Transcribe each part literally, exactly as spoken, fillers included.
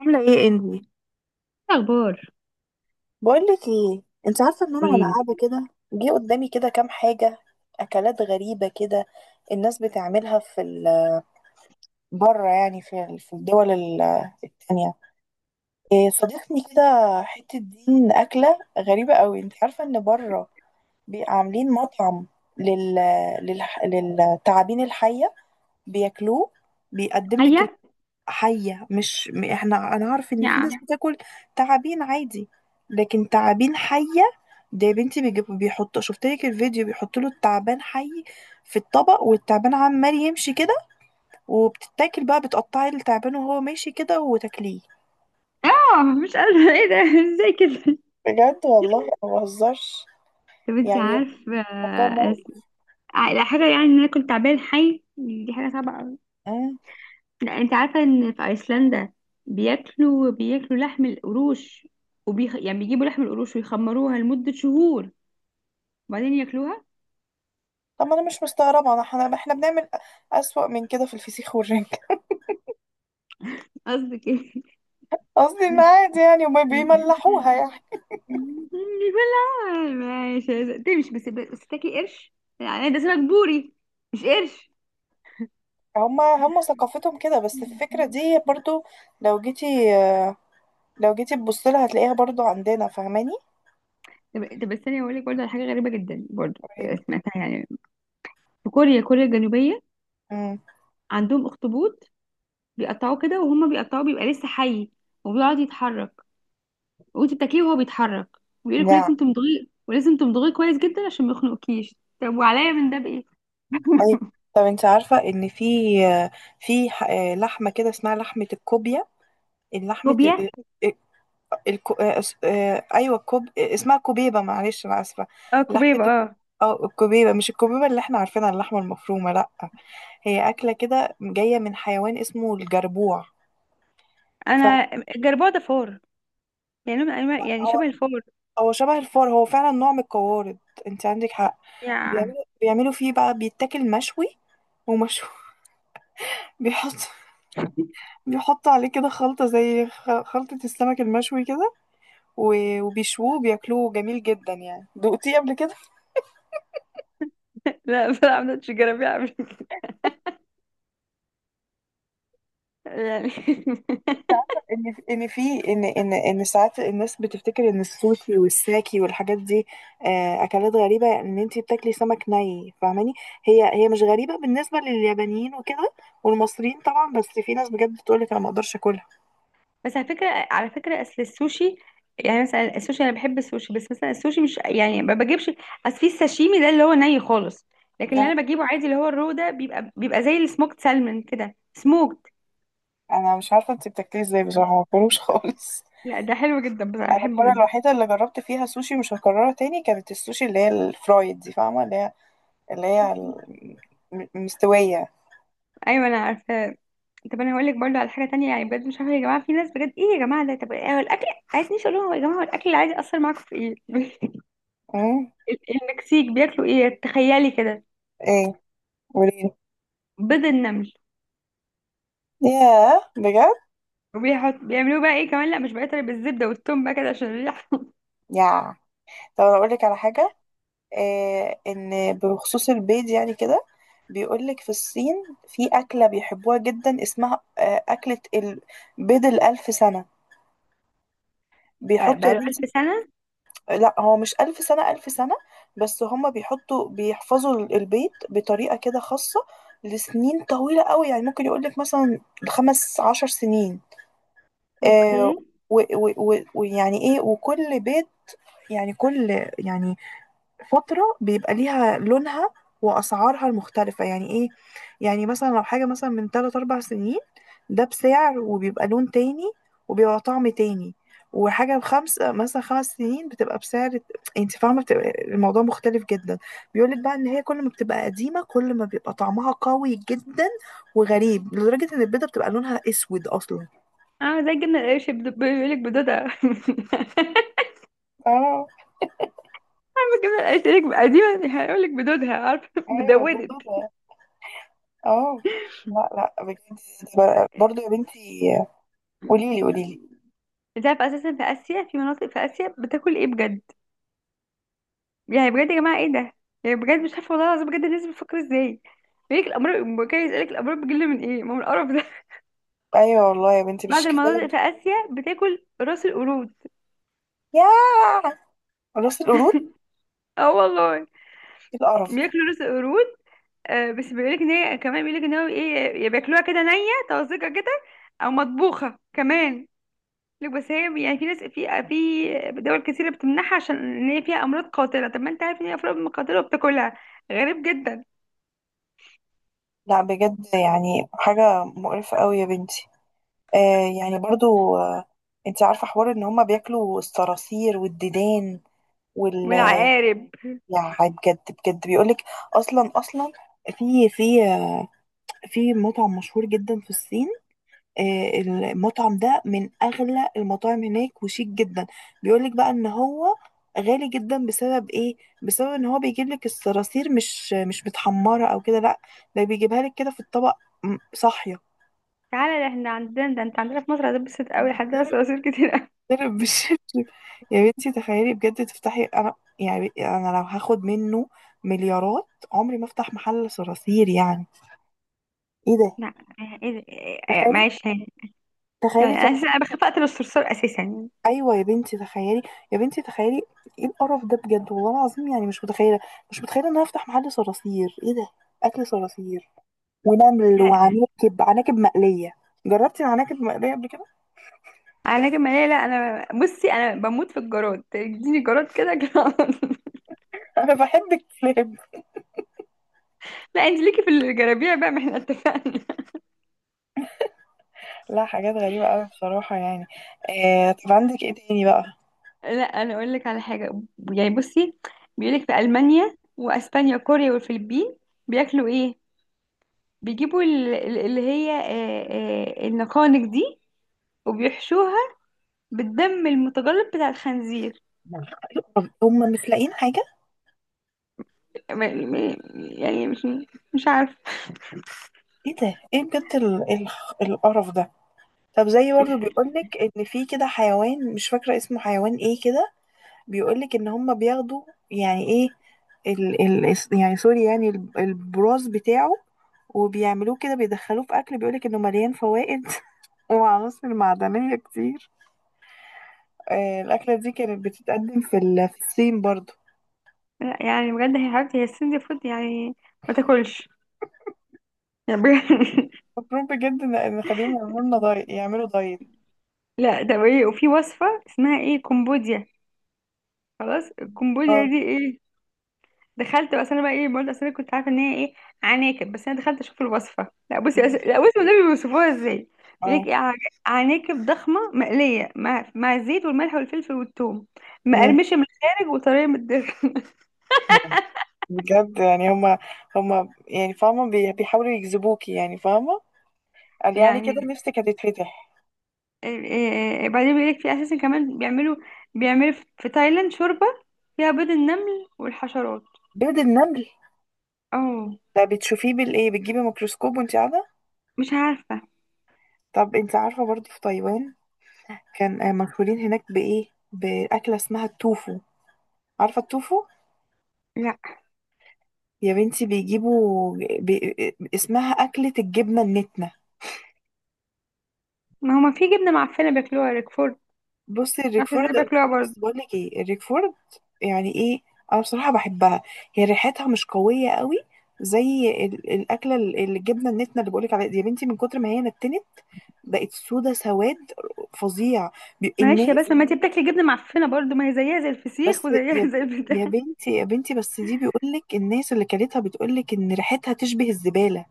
عاملة ايه انتي؟ اخبار. بقولك ايه، انت عارفه ان انا وانا قوليلي. قاعده كده، جه قدامي كده كام حاجه. اكلات غريبه كده الناس بتعملها في ال- بره يعني في ال- في الدول ال- التانية. إيه، صادفني كده حته دين اكله غريبه قوي. انت عارفه ان بره بيبقى عاملين مطعم لل... لل... للتعابين الحيه بياكلوه بيقدم لك. حية. حية، مش م- احنا انا عارف ان في ناس يا، بتاكل تعابين عادي، لكن تعابين حية. ده يا بنتي بيجيبوا بيحطوا، شفت لك الفيديو، بيحطوا له التعبان حي في الطبق والتعبان عمال يمشي كده، وبتتاكل بقى، بتقطعي التعبان وهو ماشي كده وتاكليه. اه مش قادرة ايه ده؟ ازاي كده؟ بجد والله انا ما بهزرش، طب انت يعني عارفه، الموضوع آه، مقرف. على حاجه، يعني ان انا كنت تعبان حي، دي حاجه صعبه قوي. أمم. لا، انت عارفه ان في ايسلندا بياكلوا بياكلوا لحم القروش. وبيخ... يعني بيجيبوا لحم القروش ويخمروها لمده شهور، وبعدين ياكلوها. طب ما انا مش مستغربه، انا احنا احنا بنعمل اسوأ من كده في الفسيخ والرنجة. قصدك ايه؟ قصدي ان عادي يعني وما بيملحوها يعني. بلا، ماشي تمشي، بس بس تاكلي قرش؟ يعني ده سمك بوري، مش قرش. هما هما ثقافتهم كده، بس الفكرة دي برضو، لو جيتي آه، لو جيتي تبصيلها هتلاقيها برضو عندنا فاهماني. طب طب بس انا هقول لك برضه على حاجه غريبه جدا، برضه، آه، طيب. سمعتها يعني. في كوريا، كوريا الجنوبيه، امم. عندهم اخطبوط بيقطعوه كده، وهم بيقطعوه بيبقى لسه حي وبيقعد يتحرك، وانت بتاكليه وهو بيتحرك. ويقول لك نعم. لازم تمضغيه، ولازم تمضغيه كويس جدا عشان ما يخنقكيش. طب وعليا من ده بايه؟ اي. طب انت عارفة ان في آه، في ح- آه، لحمة كده اسمها لحمة الكوبيا. اللحمة كوبيا. ال- ال- الكو... آه، اس- آه، ايوه، الكوب آه، اسمها كوبيبة، معلش انا اسفة. اه لحمة كوبيب الك- اه. اه الكوبيبة، مش الكوبيبة اللي احنا عارفينها اللحمة المفرومة، لا. هي أكلة كده جاية من حيوان اسمه الجربوع. انا، الجربوع ده فار، يعني نوع من انواع، فلا، يعني شبه الفار. هو شبه الفار، هو فعلا نوع من القوارض، انت عندك حق. يا، بيعملوا بيعملوا فيه بقى بيتاكل مشوي ومشوي. بيحط بيحط عليه كده خلطة زي خ- خلطة السمك المشوي كده، و- وبيشووه بياكلوه جميل جدا. يعني دقتيه قبل كده؟ لا، بلعب نوتش جرابيع قبل كده. يعني انت عارفة ان في- ان في ان ان ان ساعات الناس بتفتكر ان السوشي والساكي والحاجات دي آه، اكلات غريبة، ان انت بتاكلي سمك ني فاهماني. هي هي مش غريبة بالنسبة لليابانيين وكده والمصريين طبعا، بس في ناس بجد بتقولك انا ما اقدرش اكلها. بس على فكرة، على فكرة أصل السوشي، يعني مثلا السوشي، أنا بحب السوشي، بس مثلا السوشي مش يعني ما بجيبش. أصل في الساشيمي ده اللي هو ني خالص، لكن لا، اللي أنا بجيبه عادي، اللي هو الرو ده، بيبقى بيبقى زي السموكت سالمون كده، سموكت. انا مش عارفه انت بتاكليه ازاي بصراحه، ما باكلوش خالص. لا، ده حلو جدا، بس أنا انا بحبه المره جدا. الوحيده اللي جربت فيها سوشي مش هكررها تاني، كانت السوشي اللي هي الفرايد دي فاهمه، اللي هي اللي هي ال- م- مستويه. أيوة أنا عارفة. طب أنا هقول لك برضه على حاجة تانية، يعني بجد، مش عارفة يا جماعة، في ناس بجد، إيه يا جماعة ده، طب إيه هو الأكل؟ عايزنيش أقول لهم، هو يا جماعة هو الأكل العادي أثر معاكم في إيه؟ امم. ال- المكسيك بياكلوا إيه، تخيلي كده؟ ايه، قولي. بيض النمل. ياه، بجد؟ وبيحط، بيعملوه بقى ايه كمان، لا مش بقيت، بالزبده والثوم بقى كده عشان الريحه. يا، طب اقول لك على حاجه، إيه ان بخصوص البيض يعني كده. بيقول لك في الصين في اكله بيحبوها جدا اسمها آه، اكله ال- بيض الالف سنه. بقى بيحطوا بقى يا له ألف بنتي، سنه. لا هو مش ألف سنة ألف سنة، بس هما بيحطوا بيحفظوا ال- البيت بطريقة كده خاصة لسنين طويلة قوي، يعني ممكن يقولك مثلا خمس عشر سنين. آه. اوكي. و- و- و- ويعني ايه، وكل بيت، يعني كل، يعني فترة بيبقى ليها لونها وأسعارها المختلفة. يعني إيه، يعني مثلا لو حاجة مثلا من تلات أربع سنين، ده بسعر وبيبقى لون تاني وبيبقى طعم تاني، وحاجة بخمس مثلا خمس سنين بتبقى بسعر، انت فاهمة بتبقى الموضوع مختلف جدا. بيقولك بقى ان هي كل ما بتبقى قديمة كل ما بيبقى طعمها قوي جدا وغريب لدرجة ان البيضة بتبقى لونها اسود اصلا. اه، زي الجبنه القريش، بد- بيقول لك بدودها. اه، عارفة الجبنه القريش، يقول لك قديما، هيقول لك بدودها، عارفه ايوه بدودت. بالظبط. اه. لا. لا، بجد. برضه يا بنتي، قولي لي قولي لي. انت عارفه اساسا في اسيا، في مناطق في اسيا، بتاكل ايه بجد؟ يعني بجد يا جماعه، ايه ده؟ يعني بجد مش عارفه، والله العظيم بجد، الناس بتفكر ازاي؟ يقول لك الامراض، كان يسالك الامراض بتجيلنا من ايه، ما هو من القرف ده. ايوه والله يا بنتي، مش بعض المناطق كفايه. في اسيا بتاكل راس القرود. ياه، راس القرود، اه والله، إيه القرف ده. بياكلوا راس القرود. آه، بس بيقولك ان هي كمان، بيقولك ان هو ايه، يا بياكلوها كده نية، طازجة كده، او مطبوخة كمان. لك بس هي يعني في ناس في في دول كتيرة بتمنعها عشان ان هي فيها امراض قاتلة. طب ما انت عارف ان هي امراض قاتلة وبتاكلها؟ غريب جدا. لا بجد، يعني حاجه مقرفه قوي يا بنتي. آه، يعني برضو. آه انت عارفه حوار ان هما بياكلوا الصراصير والديدان وال والعقارب. يعني بجد. بجد بيقولك، اصلا اصلا في في آه، في مطعم مشهور جدا في الصين. آه، المطعم ده من اغلى المطاعم هناك وشيك جدا، بيقولك بقى ان هو غالي جدا بسبب ايه، بسبب ان هو بيجيب لك الصراصير مش مش متحمره او كده، لا، ده بيجيبها لك كده في الطبق م- صاحيه. تعالى، ده احنا عندنا، ده انت عندنا في مصر هتتبسط قوي، عندنا ضرب، صراصير كتير قوي. ضرب بالشبشب. يا بنتي تخيلي بجد تفتحي، انا يعني انا لو هاخد منه مليارات عمري ما افتح محل صراصير، يعني ايه ده، لا، ايه ده؟ إيه- تخيلي، معلش هاني، يعني تخيلي. انا اساسا انا بخاف اقتل الصرصار اساسا يعني. ايوه يا بنتي تخيلي، يا بنتي تخيلي، ايه القرف ده بجد والله العظيم. يعني مش متخيله مش متخيله ان انا افتح محل صراصير، ايه ده، اكل صراصير ونمل وعناكب، عناكب مقليه. جربتي العناكب المقليه قبل كده؟ انا كمان، لا لا، انا بصي انا بموت في الجراد، تديني جراد كده كده. انا بحب الكلاب. لا، انت ليكي في الجرابيع بقى، ما احنا اتفقنا. لا حاجات غريبه قوي بصراحه يعني. آه طب عندك ايه تاني بقى؟ لا، انا اقول لك على حاجه، يعني بصي، بيقول لك في المانيا واسبانيا وكوريا والفلبين، بياكلوا ايه؟ بيجيبوا ال- ال- اللي هي، آه، آه، النقانق دي، وبيحشوها بالدم المتجلط بتاع الخنزير. طب هم مش لاقيين حاجه؟ م- م- يعني مش مش عارفه. ايه ده، ايه بجد ال- ال- القرف ده. طب زي برضه بيقولك ان في كده حيوان مش فاكره اسمه، حيوان ايه كده، بيقولك ان هم بياخدوا يعني ايه، ال ال الس- يعني سوري، يعني ال- البراز بتاعه، وبيعملوه كده بيدخلوه في اكل بيقولك انه مليان فوائد وعناصر معدنية كتير. آه الأكلة دي كانت بتتقدم في ال- في الصين برضو. لا، يعني بجد، هي حبيبتي هي السن فود يعني، ما تاكلش، يعني بجد. مفروض بجد إن إن نخليهم يعملوا لنا دايت، يعملوا دايت. لا ده ايه، وفي وصفه اسمها ايه، كمبوديا. خلاص، الكمبوديا اه. دي ايه؟ دخلت، بس انا بقى ايه برضه، اصل انا كنت عارفه ان هي ايه، عناكب. بس انا دخلت اشوف الوصفه، لا بصي أس... مم. لا بصي والنبي بيوصفوها ازاي. بيقول لك اه. ايه، عن- عناكب ضخمه مقليه مع مع الزيت والملح والفلفل والثوم، مم. مقرمشه من الخارج وطريه من الداخل. يعني بجد، يعني هما، هما يعني فاهمة، بي- بيحاولوا يجذبوكي يعني فاهمة. قال يعني كده يعني، نفسك هتتفتح. إيه إيه- بعدين بيقول لك في اساسا كمان بيعملوا، بيعملوا في في تايلاند شوربه، فيها بيض النمل والحشرات. بيض النمل، اه، ده بتشوفيه بالايه، بتجيبي ميكروسكوب وانت قاعده؟ مش عارفه. طب انت عارفه برضو في تايوان كان آه، مشهورين هناك بايه، باكله اسمها التوفو. عارفه التوفو؟ لا، يا بنتي بيجيبوا بي... اسمها اكله الجبنه النتنه. ما هما في جبنه معفنه بياكلوها، ريكفورد. بصي معرفش الريكفورد، ازاي بياكلوها برضه. بس بقول لك ايه الريكفورد، يعني ايه، انا بصراحه بحبها، هي ريحتها مش قويه قوي زي ال... الاكله ال- الجبنه النتنه اللي بقولك عليها دي. يا بنتي من كتر ما هي نتنت بقت سودة سواد فظيع. بي- معلش يا، الناس، بس ما انت بتاكلي جبنه معفنه برضو، ما هي زيها زي بس الفسيخ، وزيها يا زي البتاع. يا بنتي يا بنتي بس دي بيقولك الناس اللي كلتها بتقولك ان ريحتها تشبه الزبالة،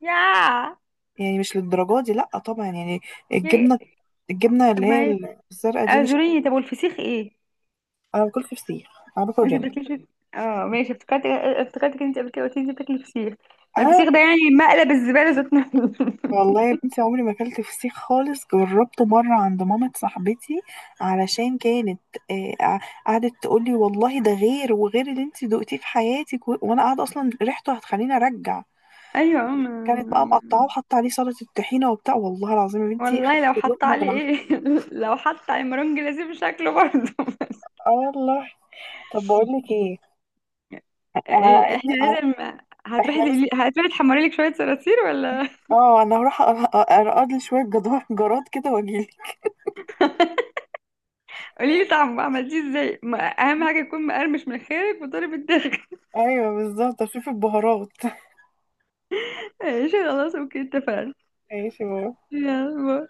يا، يعني مش للدرجة دي لا طبعا يعني. يا- الجبنة الجبنة طب اللي ما هي هي، الزرقاء دي مش، اعذريني، طب والفسيخ ايه؟ انا باكل فسيخ، انا باكل انت رنج. بتاكلي. اه ماشي، افتكرت افتكرتك انت قبل كده قلت لي انت بتاكلي فسيخ. ما انا الفسيخ ده يعني مقلب الزباله ذات نفسه. والله يا بنتي عمري ما اكلت فسيخ خالص، جربته مرة عند مامة صاحبتي علشان كانت آه، قع- قعدت تقولي والله ده غير وغير اللي انت دقتيه في حياتك، و- وانا قاعدة اصلا ريحته هتخليني ارجع. ايوه، ما... كانت بقى ما... مقطعاه وحاطه عليه سلطه الطحينه وبتاع، والله العظيم يا بنتي والله لو خدت حط لقمه علي بالعافيه. ايه، لو حط علي مرنج لازم شكله برضو. اه والله. طب بقول لك ايه على ايه ان احنا على- لازم، احنا هتروحي بس. تقلي- هتروحي تحمري لك شويه صراصير ولا؟ اه انا هروح أ- أ- ارقد لي شويه جدار جراد كده واجيلك. قولي لي طعمه عملتيه ازاي، ما- اهم حاجه يكون مقرمش من خارج وطري من الداخل. ايوه بالظبط، اشوف البهارات. ماشي خلاص، اوكي اتفقنا. ماشي، باي. يلا باي.